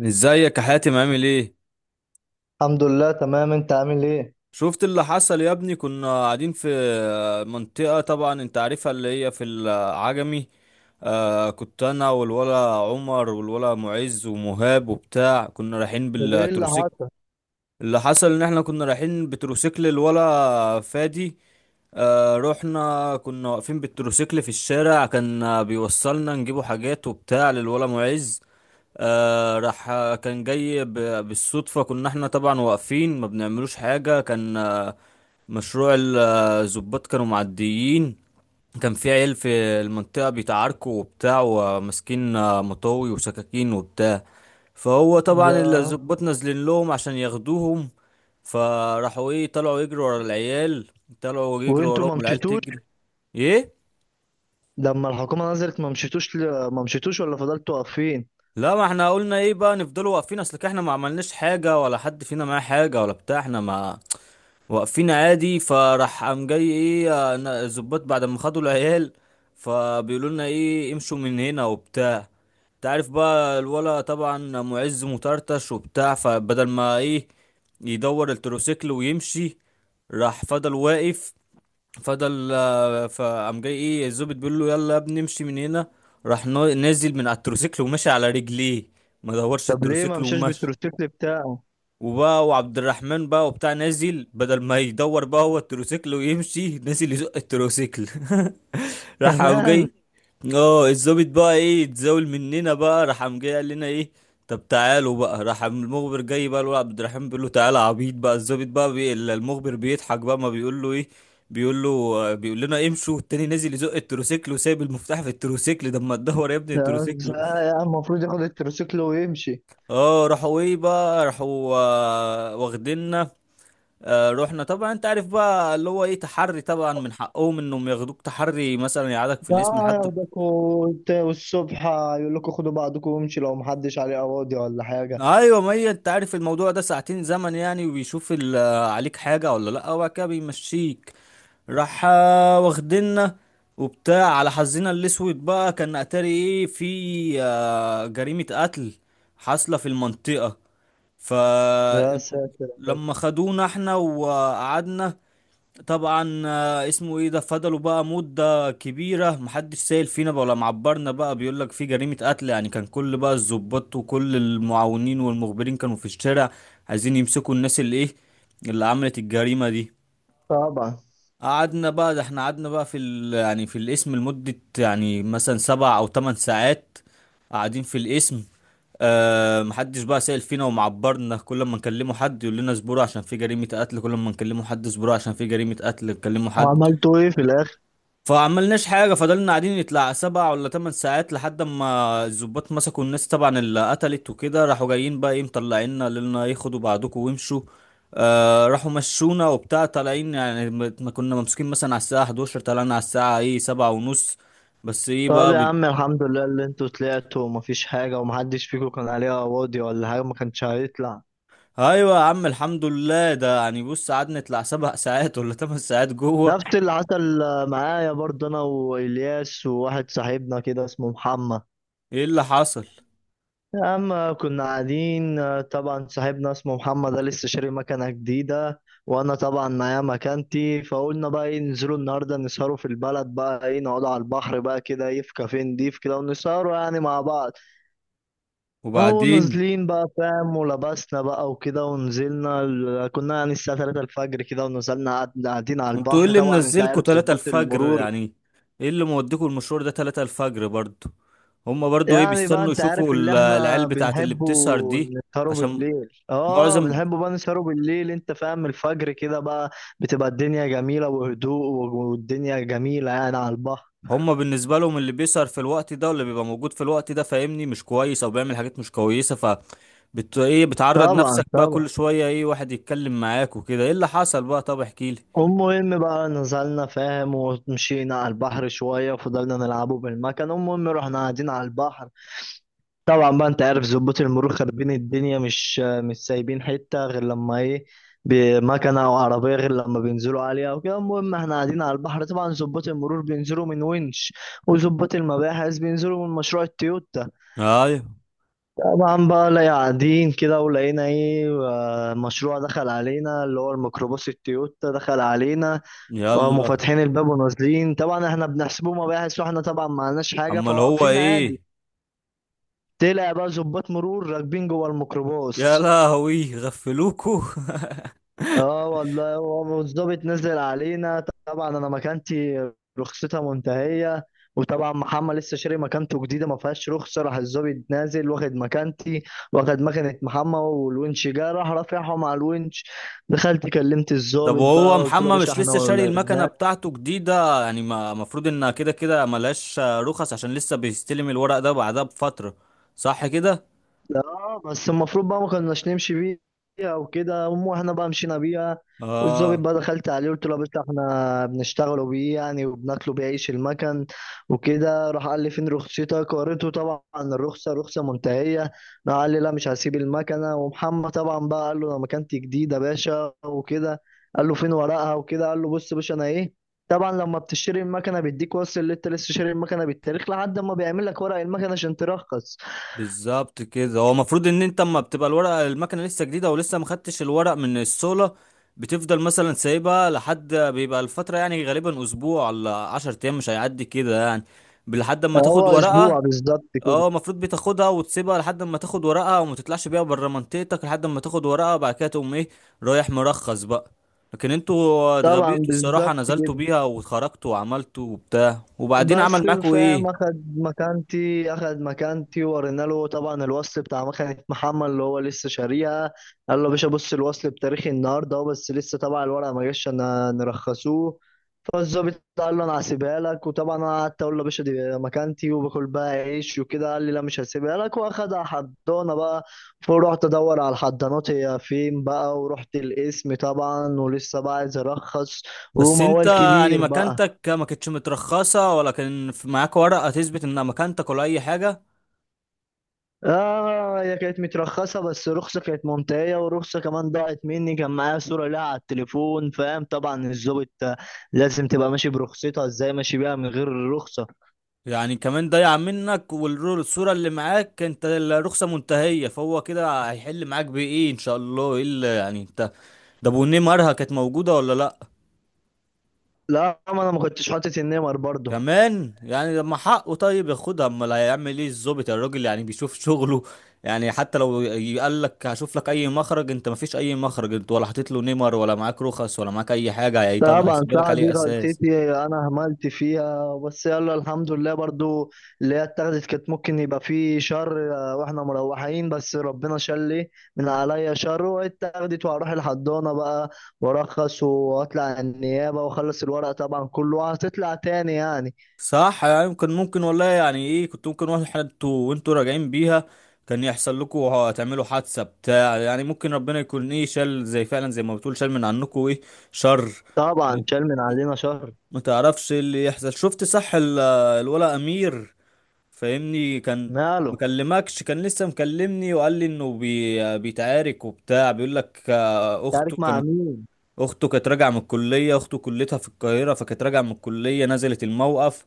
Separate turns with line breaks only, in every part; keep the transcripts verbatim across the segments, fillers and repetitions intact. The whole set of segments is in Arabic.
ازيك يا حاتم، عامل ايه؟
الحمد لله تمام، انت عامل ايه؟
شفت اللي حصل يا ابني؟ كنا قاعدين في منطقة طبعا انت عارفها، اللي هي في العجمي. آه كنت انا والولا عمر والولا معز ومهاب وبتاع، كنا رايحين
وايه اللي
بالتروسيك.
حصل؟
اللي حصل ان احنا كنا رايحين بتروسيكل الولا فادي. آه رحنا كنا واقفين بالتروسيكل في الشارع، كان آه، بيوصلنا نجيبوا حاجات وبتاع للولا معز. آه راح كان جاي ب- بالصدفة. كنا احنا طبعا واقفين ما بنعملوش حاجة، كان آه، مشروع الظباط كانوا معديين. كان في عيال في المنطقة بيتعاركوا وبتاع وماسكين آه، مطاوي وسكاكين وبتاع. فهو طبعا اللي
لا.
الظباط نازلين لهم عشان ياخدوهم. فراحوا ايه، طلعوا يجروا ورا العيال. طلعوا يجروا
وانتوا
وراهم
ما
والعيال
مشيتوش؟
تجري. ايه.
لما الحكومه نزلت ما مشيتوش ل... ما مشيتوش ولا فضلتوا واقفين؟
لا، ما احنا قلنا ايه بقى نفضلوا واقفين، اصل احنا ما عملناش حاجة ولا حد فينا معاه حاجة ولا بتاع، احنا ما واقفين عادي. فراح قام جاي ايه، آه، الظباط بعد ما خدوا العيال فبيقولوا لنا ايه، امشوا من هنا وبتاع. تعرف بقى الولا طبعا معز مطرطش وبتاع، فبدل ما ايه يدور التروسيكل ويمشي، راح فضل واقف. فضل آه، فقام جاي ايه الظابط بيقول له يلا يا ابني امشي من هنا. راح نا- نازل من على التروسيكل وماشي على رجليه، ما دورش
طب ليه ما
التروسيكل
مشاش
ومشي.
بالتروسيكل بتاعه؟
وبقى وعبد الرحمن بقى وبتاع نازل، بدل ما يدور بقى هو التروسيكل ويمشي، نازل يزق التروسيكل. راح قام
كمان؟
جاي اه الظابط بقى ايه اتزاول مننا. بقى راح قام جاي قال لنا ايه، طب تعالوا بقى. راح قام المخبر جاي بقى، الولد عبد الرحمن بيقول له تعالى يا عبيط بقى، الظابط بقى بي... ال- المخبر بيضحك بقى، ما بيقول له ايه، بيقول له آه، بيقول لنا امشوا التاني. نازل يزق التروسيكل وسايب المفتاح في التروسيكل، ده ما تدور يا ابني
لا
التروسيكل.
لا يا عم، المفروض ياخد التروسيكل ويمشي.
اه راحوا ايه بقى، راحوا آه، واخديننا. آه، رحنا طبعا انت عارف بقى اللي هو ايه تحري، طبعا من حقهم انهم ياخدوك تحري مثلا، يقعدك في الاسم
لا،
لحد.
ياخدكوا وت- والصبح يقول لكم خدوا بعضكم وامشي لو محدش عليه قواضي ولا حاجه.
ايوه، ما هي انت عارف الموضوع ده ساعتين زمن يعني، وبيشوف ال- آه، عليك حاجه ولا لا، وبعد كده بيمشيك. راح آه، واخدنا وبتاع. على حظنا الاسود بقى كان اتاري ايه في آه، جريمه قتل حاصله في المنطقه.
يا ساتر.
فلما خدونا احنا وقعدنا طبعا آه، اسمه ايه ده، فضلوا بقى مدة كبيرة محدش سائل فينا بقى ولا معبرنا بقى، بيقول لك في جريمة قتل يعني. كان كل بقى الضباط وكل المعاونين والمخبرين كانوا في الشارع عايزين يمسكوا الناس اللي ايه، اللي عملت الجريمة دي.
طبعا.
قعدنا بقى، ده احنا قعدنا بقى في ال يعني في القسم لمدة يعني مثلا سبع او تمن ساعات قاعدين في القسم. أه محدش بقى سائل فينا ومعبرنا، كل ما نكلمه حد يقول لنا اصبروا عشان في جريمة قتل، كل ما نكلمه حد اصبروا عشان في جريمة قتل نكلمه حد.
وعملتوا ايه في الاخر؟
فعملناش حاجة، فضلنا قاعدين يطلع سبع ولا تمن ساعات لحد ما الظباط مسكوا الناس طبعا اللي قتلت وكده. راحوا جايين بقى ايه مطلعيننا، لنا ياخدوا بعضكم وامشوا. آه راحوا مشونا وبتاع طالعين يعني، ما ما كنا ممسوكين مثلا على الساعة احداشر، طلعنا على الساعة ايه سبعة ونص. بس ايه
طب
بقى
يا
بت...
عم الحمد لله اللي انتوا طلعتوا ومفيش حاجة ومحدش فيكم كان عليها واضي ولا حاجة، ما كانش هيطلع.
ايوه يا عم الحمد لله. ده يعني بص قعدنا نطلع سبع ساعات ولا تمن ساعات جوه.
نفس اللي حصل معايا برضه، انا والياس وواحد صاحبنا كده اسمه محمد.
ايه اللي حصل؟
يا عم، كنا قاعدين، طبعا صاحبنا اسمه محمد ده لسه شاري مكنة جديدة، وانا طبعا معايا مكانتي، فقلنا بقى ايه، ننزلوا النهارده نسهروا في البلد، بقى ايه نقعدوا على البحر بقى كده، ايه، في كافيه نضيف كده ونسهروا يعني مع بعض. اهو
وبعدين
نازلين بقى فاهم، ولبسنا بقى وكده ونزلنا ال- كنا يعني الساعة ثلاثة الفجر كده، ونزلنا قعد- قاعدين على
انتوا ايه
البحر.
اللي
طبعا انت
منزلكوا
عارف
تلاتة
ضباط
الفجر
المرور،
يعني؟ ايه اللي موديكوا المشوار ده تلاتة الفجر برضو؟ هما برضو ايه
يعني بقى
بيستنوا
انت عارف
يشوفوا
اللي
ال- العيال
احنا
بتاعت اللي
بنحبه،
بتسهر دي.
نسهروا
عشان
بالليل، اه
معظم،
بنحبه بقى نسهروا بالليل، انت فاهم، الفجر كده بقى بتبقى الدنيا جميلة وهدوء، والدنيا جميلة يعني على البحر.
هما بالنسبة لهم اللي بيسهر في الوقت ده واللي بيبقى موجود في الوقت ده فاهمني مش كويس او بيعمل حاجات مش كويسة. فبت ايه، بتعرض
طبعا
نفسك بقى
طبعا.
كل شوية ايه، واحد يتكلم معاك وكده. ايه اللي حصل بقى، طب احكيلي.
المهم بقى نزلنا فاهم ومشينا على البحر شوية وفضلنا نلعبه بالمكان. المهم رحنا قاعدين على البحر، طبعا بقى انت عارف ظباط المرور خاربين الدنيا، مش مش سايبين حتة غير لما ايه، بمكنة او عربية، غير لما بينزلوا عليها او كده. المهم احنا قاعدين على البحر، طبعا ظباط المرور بينزلوا من ونش، وظباط المباحث بينزلوا من مشروع التويوتا.
ايوه.
طبعا بقى لا، قاعدين كده ولقينا ايه، آه، مشروع دخل علينا، اللي هو الميكروباص التويوتا دخل علينا، وهم
يلا.
فاتحين الباب ونازلين. طبعا احنا بنحسبه مباحث، واحنا طبعا معناش حاجة،
امال هو
فواقفين عادي.
ايه؟
طلع بقى ظباط مرور راكبين جوه
يا
الميكروباص.
لهوي غفلوكوا.
اه والله. هو والظابط نزل علينا، طبعا انا مكانتي رخصتها منتهيه، وطبعا محمد لسه شاري مكانته جديده ما فيهاش رخصه. راح الظابط نازل واخد مكانتي واخد مكنه محمد، والونش جه راح رافعهم على الونش. دخلت كلمت
طب
الظابط
وهو
بقى قلت له يا
محمد
باشا
مش
احنا
لسه شاري المكنة
ولاد.
بتاعته جديدة يعني؟ ما المفروض انها كده كده ملهاش رخص عشان لسه بيستلم الورق ده بعدها بفترة، صح كده؟
اه بس المفروض بقى ما كناش نمشي بيها وكده، المهم واحنا بقى مشينا بيها. والظابط
اه،
بقى دخلت عليه قلت له يا باشا احنا بنشتغلوا بيه يعني وبناكلوا بيه عيش المكن وكده. راح قال لي فين رخصتك، وريته طبعا الرخصه، رخصه منتهيه. راح قال لي لا مش هسيب المكنه. ومحمد طبعا بقى قال له انا مكانتي جديده يا باشا وكده. قال له فين ورقها وكده، قال له بص يا باشا انا ايه، طبعا لما بتشتري المكنه بيديك وصل اللي انت لسه شاري المكنه بالتاريخ لحد ما بيعمل لك ورق المكنه عشان ترخص.
بالظبط كده. هو المفروض ان انت اما بتبقى الورقة المكنة لسه جديدة ولسه ما خدتش الورق من الصولة، بتفضل مثلا سايبها لحد بيبقى الفترة يعني غالبا اسبوع ولا عشر ايام مش هيعدي كده يعني، لحد اما
هو
تاخد
اسبوع
ورقة.
بالظبط كده.
اه، المفروض بتاخدها وتسيبها لحد ما تاخد ورقها، وما تطلعش بيها بره منطقتك لحد ما تاخد ورقها، وبعد كده تقوم ايه رايح مرخص بقى. لكن انتوا
طبعا
اتغبيتوا
بالظبط
الصراحة، نزلتوا
كده.
بيها واتخرجتوا وعملتوا وبتاع. وبعدين
بس
عمل معاكوا
فاهم،
ايه؟
اخد مكانتي، اخد مكانتي، ورينا له طبعا الوصل بتاع مكنة محمد اللي هو لسه شاريها، قال له يا باشا بص الوصل بتاريخي النهارده اهو، بس لسه طبعا الورقه ما جاش عشان نرخصوه. فالظابط قال له انا هسيبها لك، وطبعا انا قعدت اقول له يا باشا دي مكانتي وباكل بقى عيش وكده، قال لي لا مش هسيبها لك واخدها حضانه بقى. فرحت ادور على الحضانات هي فين بقى، ورحت القسم طبعا ولسه بقى عايز ارخص
بس انت
وموال
يعني
كبير بقى.
مكانتك ما كانتش مترخصة، ولا كان في- معاك ورقة تثبت ان مكانتك ولا اي حاجة؟
اه هي كانت مترخصة بس رخصة كانت منتهية، ورخصة كمان ضاعت مني، كان معايا صورة لها على التليفون، فاهم؟ طبعا الظابط لازم تبقى ماشي برخصتها، ازاي ماشي بيها من غير الرخصة؟
يعني كمان ضايع منك، والصورة اللي معاك انت الرخصة منتهية، فهو كده هيحل معاك بايه ان شاء الله؟ ايه اللي يعني انت، ده بونيه مرها كانت موجودة ولا لا؟
لا ما انا ما كنتش حاطط النمر برضه.
كمان يعني لما حقه طيب ياخدها. امال هيعمل ايه الظابط، الراجل يعني بيشوف شغله. يعني حتى لو يقال لك هشوف لك اي مخرج، انت مفيش اي مخرج، انت ولا حاطط له نمر ولا معاك رخص ولا معاك اي حاجه، هيطلع
طبعا
يسيب لك
ساعة دي
عليه اساس.
غلطتي، انا هملت فيها، بس يلا الحمد لله برضو، اللي هي اتاخدت كانت ممكن يبقى في شر آه، واحنا مروحين، بس ربنا شلي من عليا شر. واتاخدت وهروح الحضانة بقى وارخص واطلع النيابة واخلص الورق طبعا كله، وهتطلع تاني يعني.
صح يعني، ممكن ممكن والله يعني ايه، كنت ممكن واحد انتوا وانتوا راجعين بيها كان يحصل لكم، هتعملوا حادثه بتاع يعني. ممكن ربنا يكون ايه شال، زي فعلا زي ما بتقول شال من عنكم ايه شر.
طبعا شال من علينا شر.
ما تعرفش إيه اللي يحصل. شفت صح ال- الولا امير فاهمني كان
ماله؟
مكلمكش؟ كان لسه مكلمني وقال لي انه بي... بيتعارك وبتاع، بيقول لك آه، اخته
تعارك مع
كانت،
مين؟
اخته كانت راجعه من الكليه، اخته كليتها في القاهره، فكانت راجعه من الكليه نزلت الموقف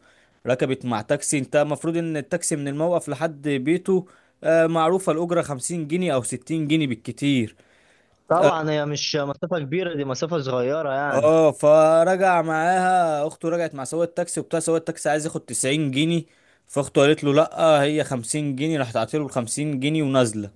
ركبت مع تاكسي. انت المفروض ان التاكسي من الموقف لحد بيته آه، معروفه الاجره خمسين جنيه او ستين جنيه بالكتير.
طبعا هي مش مسافة كبيرة، دي مسافة صغيرة يعني.
اه فرجع معاها اخته، رجعت مع سواق التاكسي وبتاع، سواق التاكسي عايز ياخد تسعين جنيه. فاخته قالت له لا، هي خمسين جنيه. راح تعطيله ال خمسين جنيه ونازله.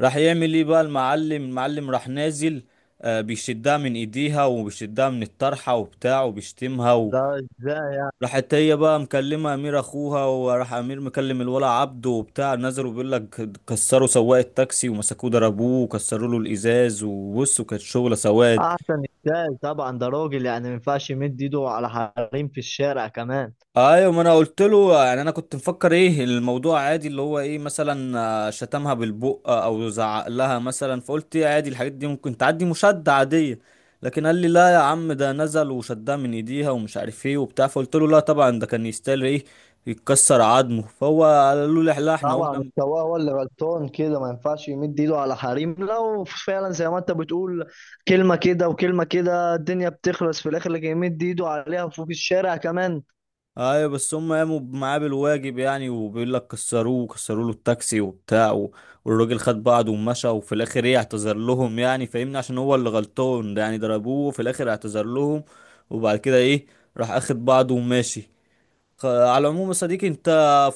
راح يعمل ايه بقى المعلم، المعلم راح نازل آه بيشدها من ايديها وبيشدها من الطرحه وبتاع وبيشتمها و...
لا.
راحت هي بقى مكلمه امير اخوها، وراح امير مكلم الولا عبده وبتاع نزلوا، بيقول لك كسروا سواق التاكسي ومسكوه ضربوه وكسروا له الازاز وبص، وكانت شغله سواد.
احسن ازاي، طبعا ده راجل يعني ما ينفعش يمد ايده على حريم في الشارع كمان.
ايوه، ما انا قلت له، يعني انا كنت مفكر ايه الموضوع عادي اللي هو ايه، مثلا آه، شتمها بالبق او زعق لها مثلا، فقلت ايه عادي الحاجات دي ممكن تعدي مشادة عادية. لكن قال لي لا يا عم، ده نزل وشدها من ايديها ومش عارف ايه وبتاع، فقلت له لا طبعا، ده كان يستاهل ايه يتكسر عظمه. فهو قال له لا لا، احنا
طبعا
قمنا.
السواق هو اللي غلطان، كده ما ينفعش يمد ايده على حريم، لو فعلا زي ما انت بتقول كلمة كده وكلمة كده الدنيا بتخلص في الاخر، اللي يمد ايده عليها فوق الشارع كمان.
ايوه بس هم قاموا معاه بالواجب يعني، وبيقول لك كسروه كسروا له التاكسي وبتاع و- والراجل خد بعضه ومشى، وفي الاخر ايه اعتذر لهم يعني فاهمني، عشان هو اللي غلطان ده، يعني ضربوه وفي الاخر اعتذر لهم، وبعد كده ايه راح اخد بعضه وماشي. خ- على العموم يا صديقي، انت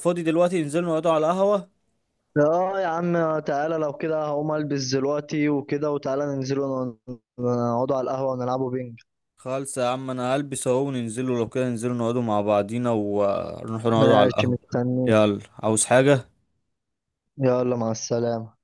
فاضي دلوقتي ننزل نقعدوا على القهوة؟
اه يا عم، تعالى لو كده هقوم البس دلوقتي وكده، وتعالى ننزلوا نقعدوا على القهوة ونلعبوا بينج.
خالص يا عم، انا هلبس اهو وننزلوا. لو كده ننزلوا نقعدوا مع بعضينا ونروحوا نقعدوا على
ماشي
القهوة.
مستنيك.
يلا، عاوز حاجة؟
يلا مع السلامة.